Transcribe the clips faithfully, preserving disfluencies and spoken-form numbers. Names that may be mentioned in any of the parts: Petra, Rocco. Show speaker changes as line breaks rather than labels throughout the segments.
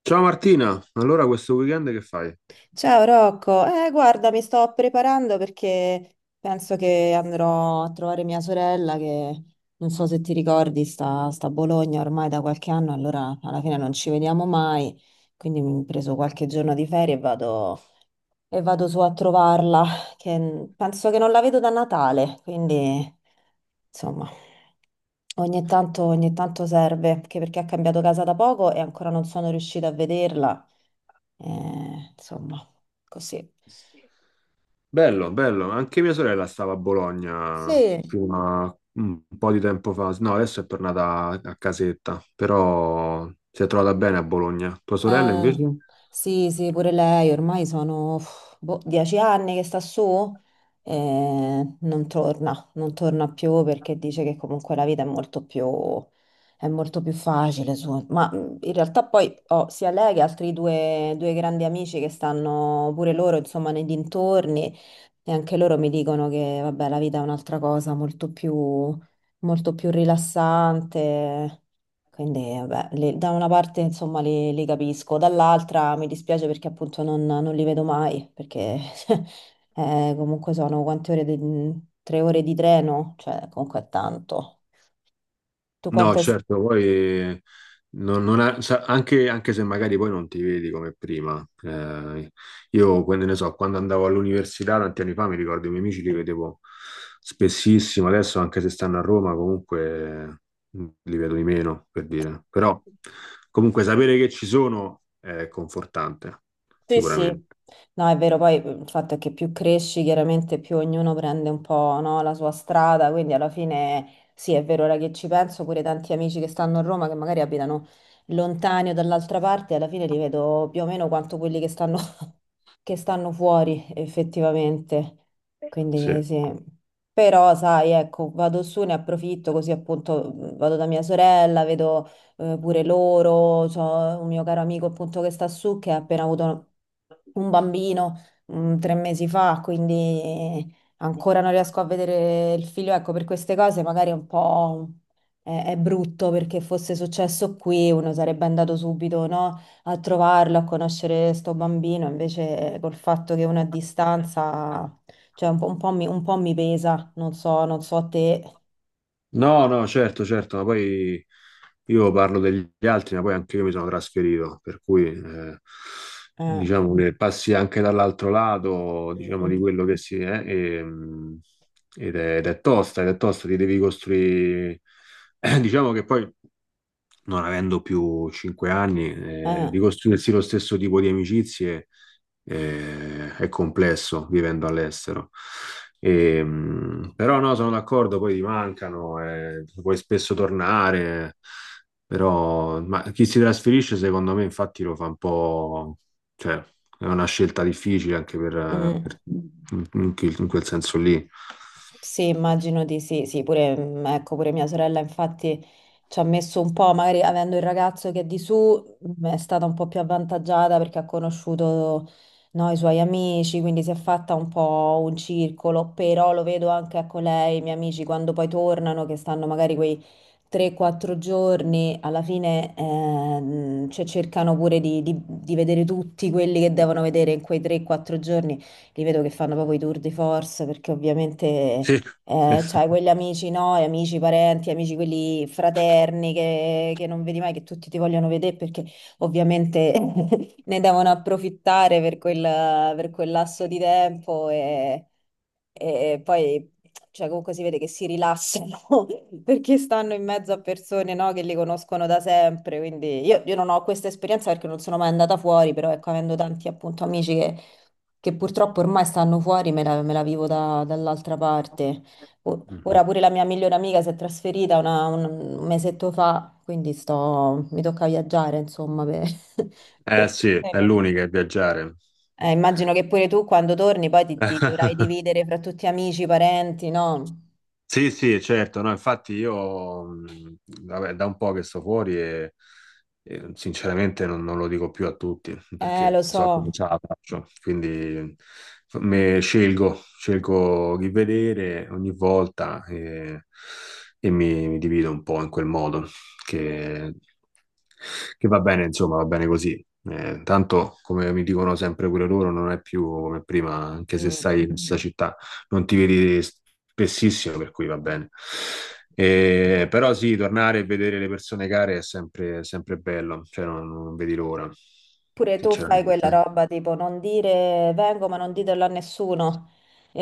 Ciao Martina, allora questo weekend che fai?
Ciao Rocco, eh, guarda, mi sto preparando perché penso che andrò a trovare mia sorella che non so se ti ricordi, sta, sta a Bologna ormai da qualche anno. Allora alla fine non ci vediamo mai, quindi mi ho preso qualche giorno di ferie e vado, e vado su a trovarla, che n- penso che non la vedo da Natale, quindi insomma ogni tanto, ogni tanto serve, anche perché ha cambiato casa da poco e ancora non sono riuscita a vederla, eh, insomma così.
Bello, bello, anche mia sorella stava a Bologna
Sì,
fino a un po' di tempo fa, no, adesso è tornata a a casetta, però si è trovata bene a Bologna. Tua sorella invece?
eh, sì, sì, pure lei, ormai sono uff, boh, dieci anni che sta su e non torna, non torna più perché dice che comunque la vita è molto più, è molto più facile su. Ma mh, in realtà poi ho sia lei che altri due, due grandi amici che stanno pure loro, insomma, nei dintorni e anche loro mi dicono che, vabbè, la vita è un'altra cosa molto più, molto più rilassante. Quindi, vabbè, le- da una parte insomma li, li capisco, dall'altra mi dispiace perché appunto non, non li vedo mai, perché eh, comunque sono quante ore di, tre ore di treno, cioè comunque è tanto. Tu
No,
quante...
certo, poi non- non ha- sa- anche, anche se magari poi non ti vedi come prima. Eh, io, quando ne so, quando andavo all'università tanti anni fa, mi ricordo i miei amici li vedevo spessissimo, adesso anche se stanno a Roma comunque eh, li vedo di meno, per dire. Però comunque sapere che ci sono è confortante,
Sì, sì,
sicuramente.
no, è vero, poi mhmm, il fatto è che più cresci, chiaramente più ognuno prende un po', no, la sua strada, quindi alla fine sì, è vero, ora che ci penso, pure tanti amici che stanno a Roma, che magari abitano lontani o dall'altra parte, alla fine li vedo più o meno quanto quelli che stanno che stanno fuori effettivamente. Quindi
Sì.
sì. Però, sai, ecco, vado su, ne approfitto così appunto mh, vado da mia sorella, vedo eh, pure loro, c'ho un mio caro amico appunto che sta su che ha appena avuto un bambino mh, tre mesi fa, quindi ancora non riesco a vedere il figlio. Ecco, per queste cose magari è un po' è, è brutto perché fosse successo qui uno sarebbe andato subito, no? A trovarlo, a conoscere sto bambino, invece eh, col fatto che uno è a distanza, cioè un po', un po' mi, un po' mi pesa, non so, non so te.
No, no, certo, certo, ma poi io parlo degli altri, ma poi anche io mi sono trasferito, per cui eh,
Eh,
diciamo che passi anche dall'altro lato, diciamo, di
mm,
quello che si è, e, mh, ed è, ed è tosta, ed è tosta, ti devi costruire. Diciamo che poi non avendo più cinque anni,
mm,
eh, di
eh,
costruirsi lo stesso tipo di amicizie eh, è complesso vivendo all'estero. E, mh, però no, sono d'accordo, poi ti mancano, eh, puoi spesso tornare, però ma chi si trasferisce secondo me infatti lo fa un po', cioè è una scelta difficile anche per, eh, per-
mm.
in, quel in quel senso lì.
Sì, immagino di sì, sì, pure, mm, ecco, pure mia sorella infatti ci ha messo un po', magari avendo il ragazzo che è di su, mm, è stata un po' più avvantaggiata perché ha conosciuto, no, i suoi amici, quindi si è fatta un po' un circolo, però lo vedo anche con lei, i miei amici, quando poi tornano, che stanno magari quei tre quattro giorni, alla fine ehm, cioè, cercano pure di, di di vedere tutti quelli che devono vedere in quei tre o quattro giorni, li vedo che fanno proprio i tour de force perché ovviamente...
Sì.
Eh, c'hai quegli amici, no? E amici, parenti, amici quelli fraterni che, che non vedi mai, che tutti ti vogliono vedere perché ovviamente ne devono approfittare per quel, per quel lasso di tempo e, e poi cioè, comunque si vede che si rilassano perché stanno in mezzo a persone, no? Che li conoscono da sempre. Quindi io, io non ho questa esperienza perché non sono mai andata fuori, però ecco, avendo tanti appunto amici che, che purtroppo ormai stanno fuori, me la, me la vivo da- dall'altra parte. O-
Mhm.
Ora pure la mia migliore amica si è trasferita una- un un mesetto fa, quindi sto, mi tocca viaggiare, insomma, per, per
Eh
tutte
sì, è
le mie-
l'unica, è viaggiare.
Eh, immagino che pure tu quando torni poi ti, ti dovrai dividere fra tutti amici, parenti, no?
Sì, sì, certo, no, infatti io, mh, vabbè, da un po' che sto fuori e, e sinceramente non, non lo dico più a tutti
Eh, lo
perché so che non
so.
ce la faccio, quindi f- me- scelgo, scelgo chi vedere ogni volta e, e mi, mi divido un po' in quel modo che, che va bene, insomma, va bene così. Eh, tanto, come mi dicono sempre pure loro, non è più come prima, anche se
Mm.
stai in questa città non ti vedi spessissimo, per cui va bene. Eh, però sì, tornare e vedere le persone care è sempre, sempre bello, cioè non, non vedi l'ora,
Pure tu fai quella
sinceramente.
roba tipo non dire vengo ma non ditelo a nessuno.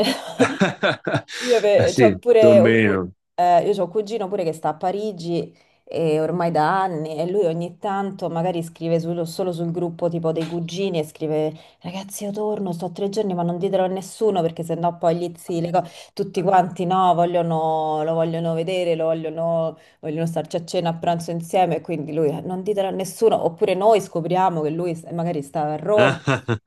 Io
Eh
ve- c'ho
sì, più o
pure un cu-
meno.
eh, io c'ho un cugino pure che sta a Parigi e ormai da anni e lui ogni tanto magari scrive sul- solo sul gruppo tipo dei cugini e scrive ragazzi io torno, sto tre giorni ma non ditelo a nessuno perché sennò poi gli zii, le co- tutti quanti no, vogliono, lo vogliono vedere, lo vogliono, vogliono starci a cena, a pranzo insieme e quindi lui "Eh, non ditelo a nessuno oppure noi scopriamo che lui s- magari stava a Roma.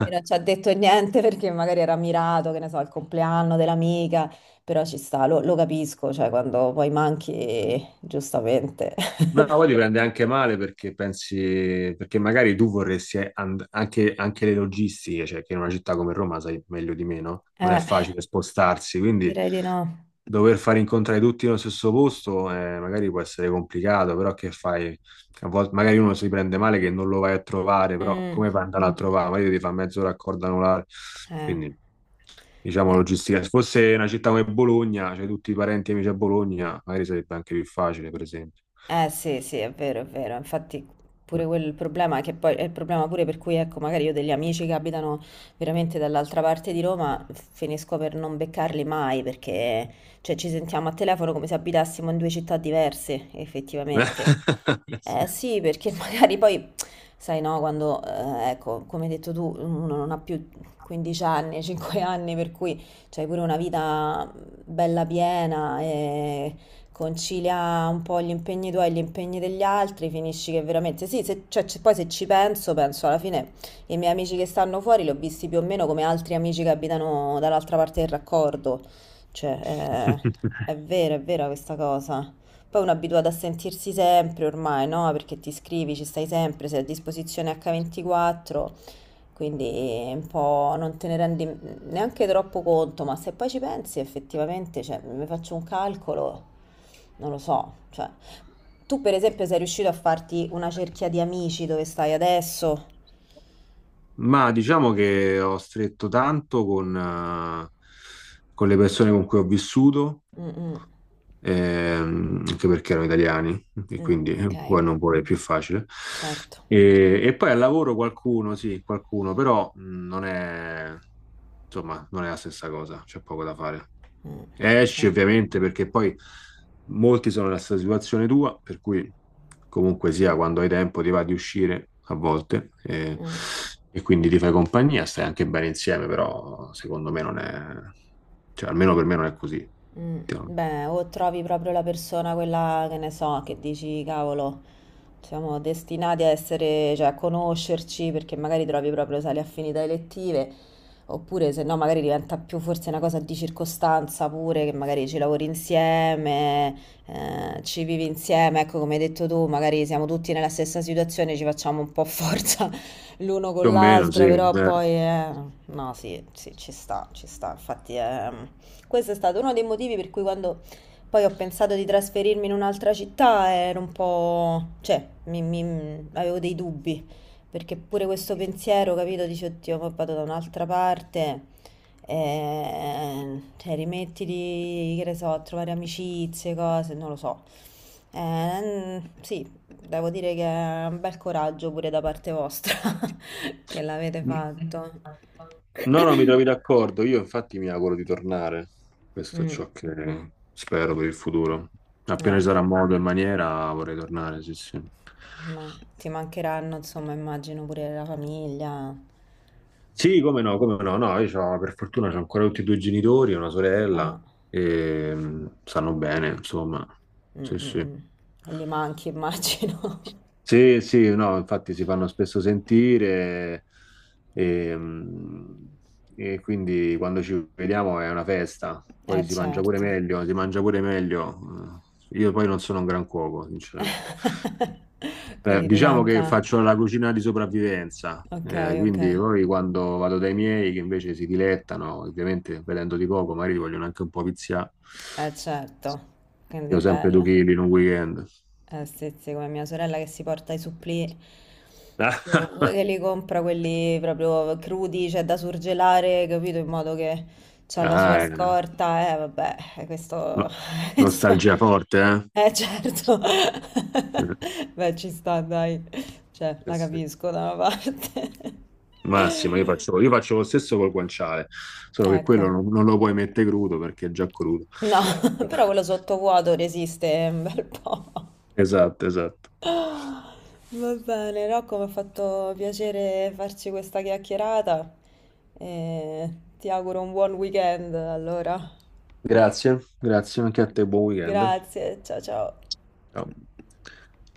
E non ci ha detto niente perché magari era mirato, che ne so, al compleanno dell'amica. Però ci sta, lo, lo capisco, cioè quando poi manchi, giustamente.
No, poi ti prende anche male perché pensi, perché magari tu vorresti and- anche, anche le logistiche, cioè che in una città come Roma sai meglio di me, no? Non è
Eh,
facile spostarsi, quindi
direi di no.
dover far incontrare tutti nello stesso posto eh, magari può essere complicato, però che fai? A volte magari uno si prende male che non lo vai a trovare, però
Mm,
come fai ad andare a Mm. Trovare? Magari ti fa mezzo raccordo anulare.
eh.
Quindi diciamo
Eh,
logistica. Se fosse una città come Bologna, c'hai tutti i parenti e amici a Bologna, magari sarebbe anche più facile, per esempio.
eh sì, sì, è vero, è vero. Infatti pure quel il problema che poi è il problema pure per cui ecco, magari io ho degli amici che abitano veramente dall'altra parte di Roma finisco per non beccarli mai perché cioè, ci sentiamo a telefono come se abitassimo in due città diverse, effettivamente. Eh sì, perché magari poi sai no, quando eh, ecco, come hai detto tu, uno non ha più quindici anni, cinque anni, per cui c'hai pure una vita bella piena e concilia un po' gli impegni tuoi e gli impegni degli altri, finisci che veramente sì, se, cioè, c- poi se ci penso, penso alla fine i miei amici che stanno fuori li ho visti più o meno come altri amici che abitano dall'altra parte del raccordo, cioè
Sì.
eh, è vero, è vera questa cosa. Poi uno è abituato a sentirsi sempre ormai, no? Perché ti scrivi, ci stai sempre, sei a disposizione acca ventiquattro. Quindi un po' non te ne rendi neanche troppo conto, ma se poi ci pensi effettivamente, cioè, mi faccio un calcolo, non lo so, cioè, tu per esempio sei riuscito a farti una cerchia di amici dove stai adesso?
Ma diciamo che ho stretto tanto con, eh, con le persone con cui ho vissuto
Mm, mm,
ehm, anche perché erano italiani e
mm,
quindi eh,
ok,
poi non vuole più facile.
certo.
E, e poi al lavoro qualcuno, sì, qualcuno, però mh, non è, insomma, non è la stessa cosa, c'è poco da fare.
Mm,
Esci
cioè,
ovviamente perché poi molti sono nella stessa situazione tua, per cui comunque sia quando hai tempo ti va di uscire a volte e,
mm.
e quindi ti fai compagnia, stai anche bene insieme, però secondo me non è, cioè almeno per me non è così.
Mm, beh, o trovi proprio la persona, quella che ne so, che dici, cavolo, siamo destinati a essere, cioè a conoscerci perché magari trovi proprio sale affinità elettive, oppure se no magari diventa più forse una cosa di circostanza pure, che magari ci lavori insieme, eh, ci vivi insieme, ecco come hai detto tu, magari siamo tutti nella stessa situazione, ci facciamo un po' forza l'uno
Più
con
o meno, sì.
l'altro, però
Eh.
poi eh, no, sì, sì, ci sta, ci sta, infatti è questo è stato uno dei motivi per cui quando poi ho pensato di trasferirmi in un'altra città ero un po'... cioè, mi- mi- avevo dei dubbi, perché pure questo pensiero, capito, dici, oddio, ma vado da un'altra parte, eh, cioè, rimettiti, che ne so, a trovare amicizie, cose, non lo so. Eh, sì, devo dire che è un bel coraggio pure da parte vostra che l'avete fatto.
No, no, mi trovi d'accordo. Io infatti mi auguro di tornare. Questo è
Mm,
ciò che spero per il futuro. Appena ci
eh.
sarà modo e maniera vorrei tornare, sì, sì.
Ma ti mancheranno, insomma, immagino pure la famiglia.
Sì, come no, come no. No, io c'ho- per fortuna ho ancora tutti e due i genitori, una
Ah,
sorella, e mm, stanno bene, insomma.
mm,
Sì,
mm,
sì.
mm. E li manchi, immagino.
Sì, sì, no, infatti si fanno spesso sentire e, mh, e quindi quando ci vediamo è una festa,
Eh,
poi si mangia pure
certo.
meglio, si mangia pure meglio. Eh, Io poi non sono un gran cuoco, sinceramente. Eh,
Quindi ti
diciamo che
manca...
faccio la cucina di sopravvivenza,
Ok,
eh,
ok.
quindi poi quando vado dai miei che invece si dilettano, ovviamente vedendo di poco, magari li vogliono anche un po' viziare.
Eh, certo. Quindi
Io sempre due
bella.
chili in un weekend.
Eh, sì, sì, come mia sorella che si porta i supplì... su- che li compra quelli proprio crudi, cioè da surgelare, capito? In modo che c'ha la sua
Ah, eh.
scorta. Eh, vabbè, eh, questo...
No,
questo...
nostalgia forte, eh?
Eh certo,
Eh,
beh ci sta dai, cioè
Sì,
la
sì.
capisco da una parte.
Massima, io faccio, io faccio lo stesso col guanciale, solo che quello
Ecco,
non, non lo puoi mettere crudo perché è già crudo.
no, però quello sottovuoto resiste un bel po'.
Esatto, esatto.
Va bene, Rocco, mi ha fatto piacere farci questa chiacchierata e ti auguro un buon weekend allora.
Grazie, grazie anche a te, buon weekend.
Grazie, ciao ciao.
Ciao.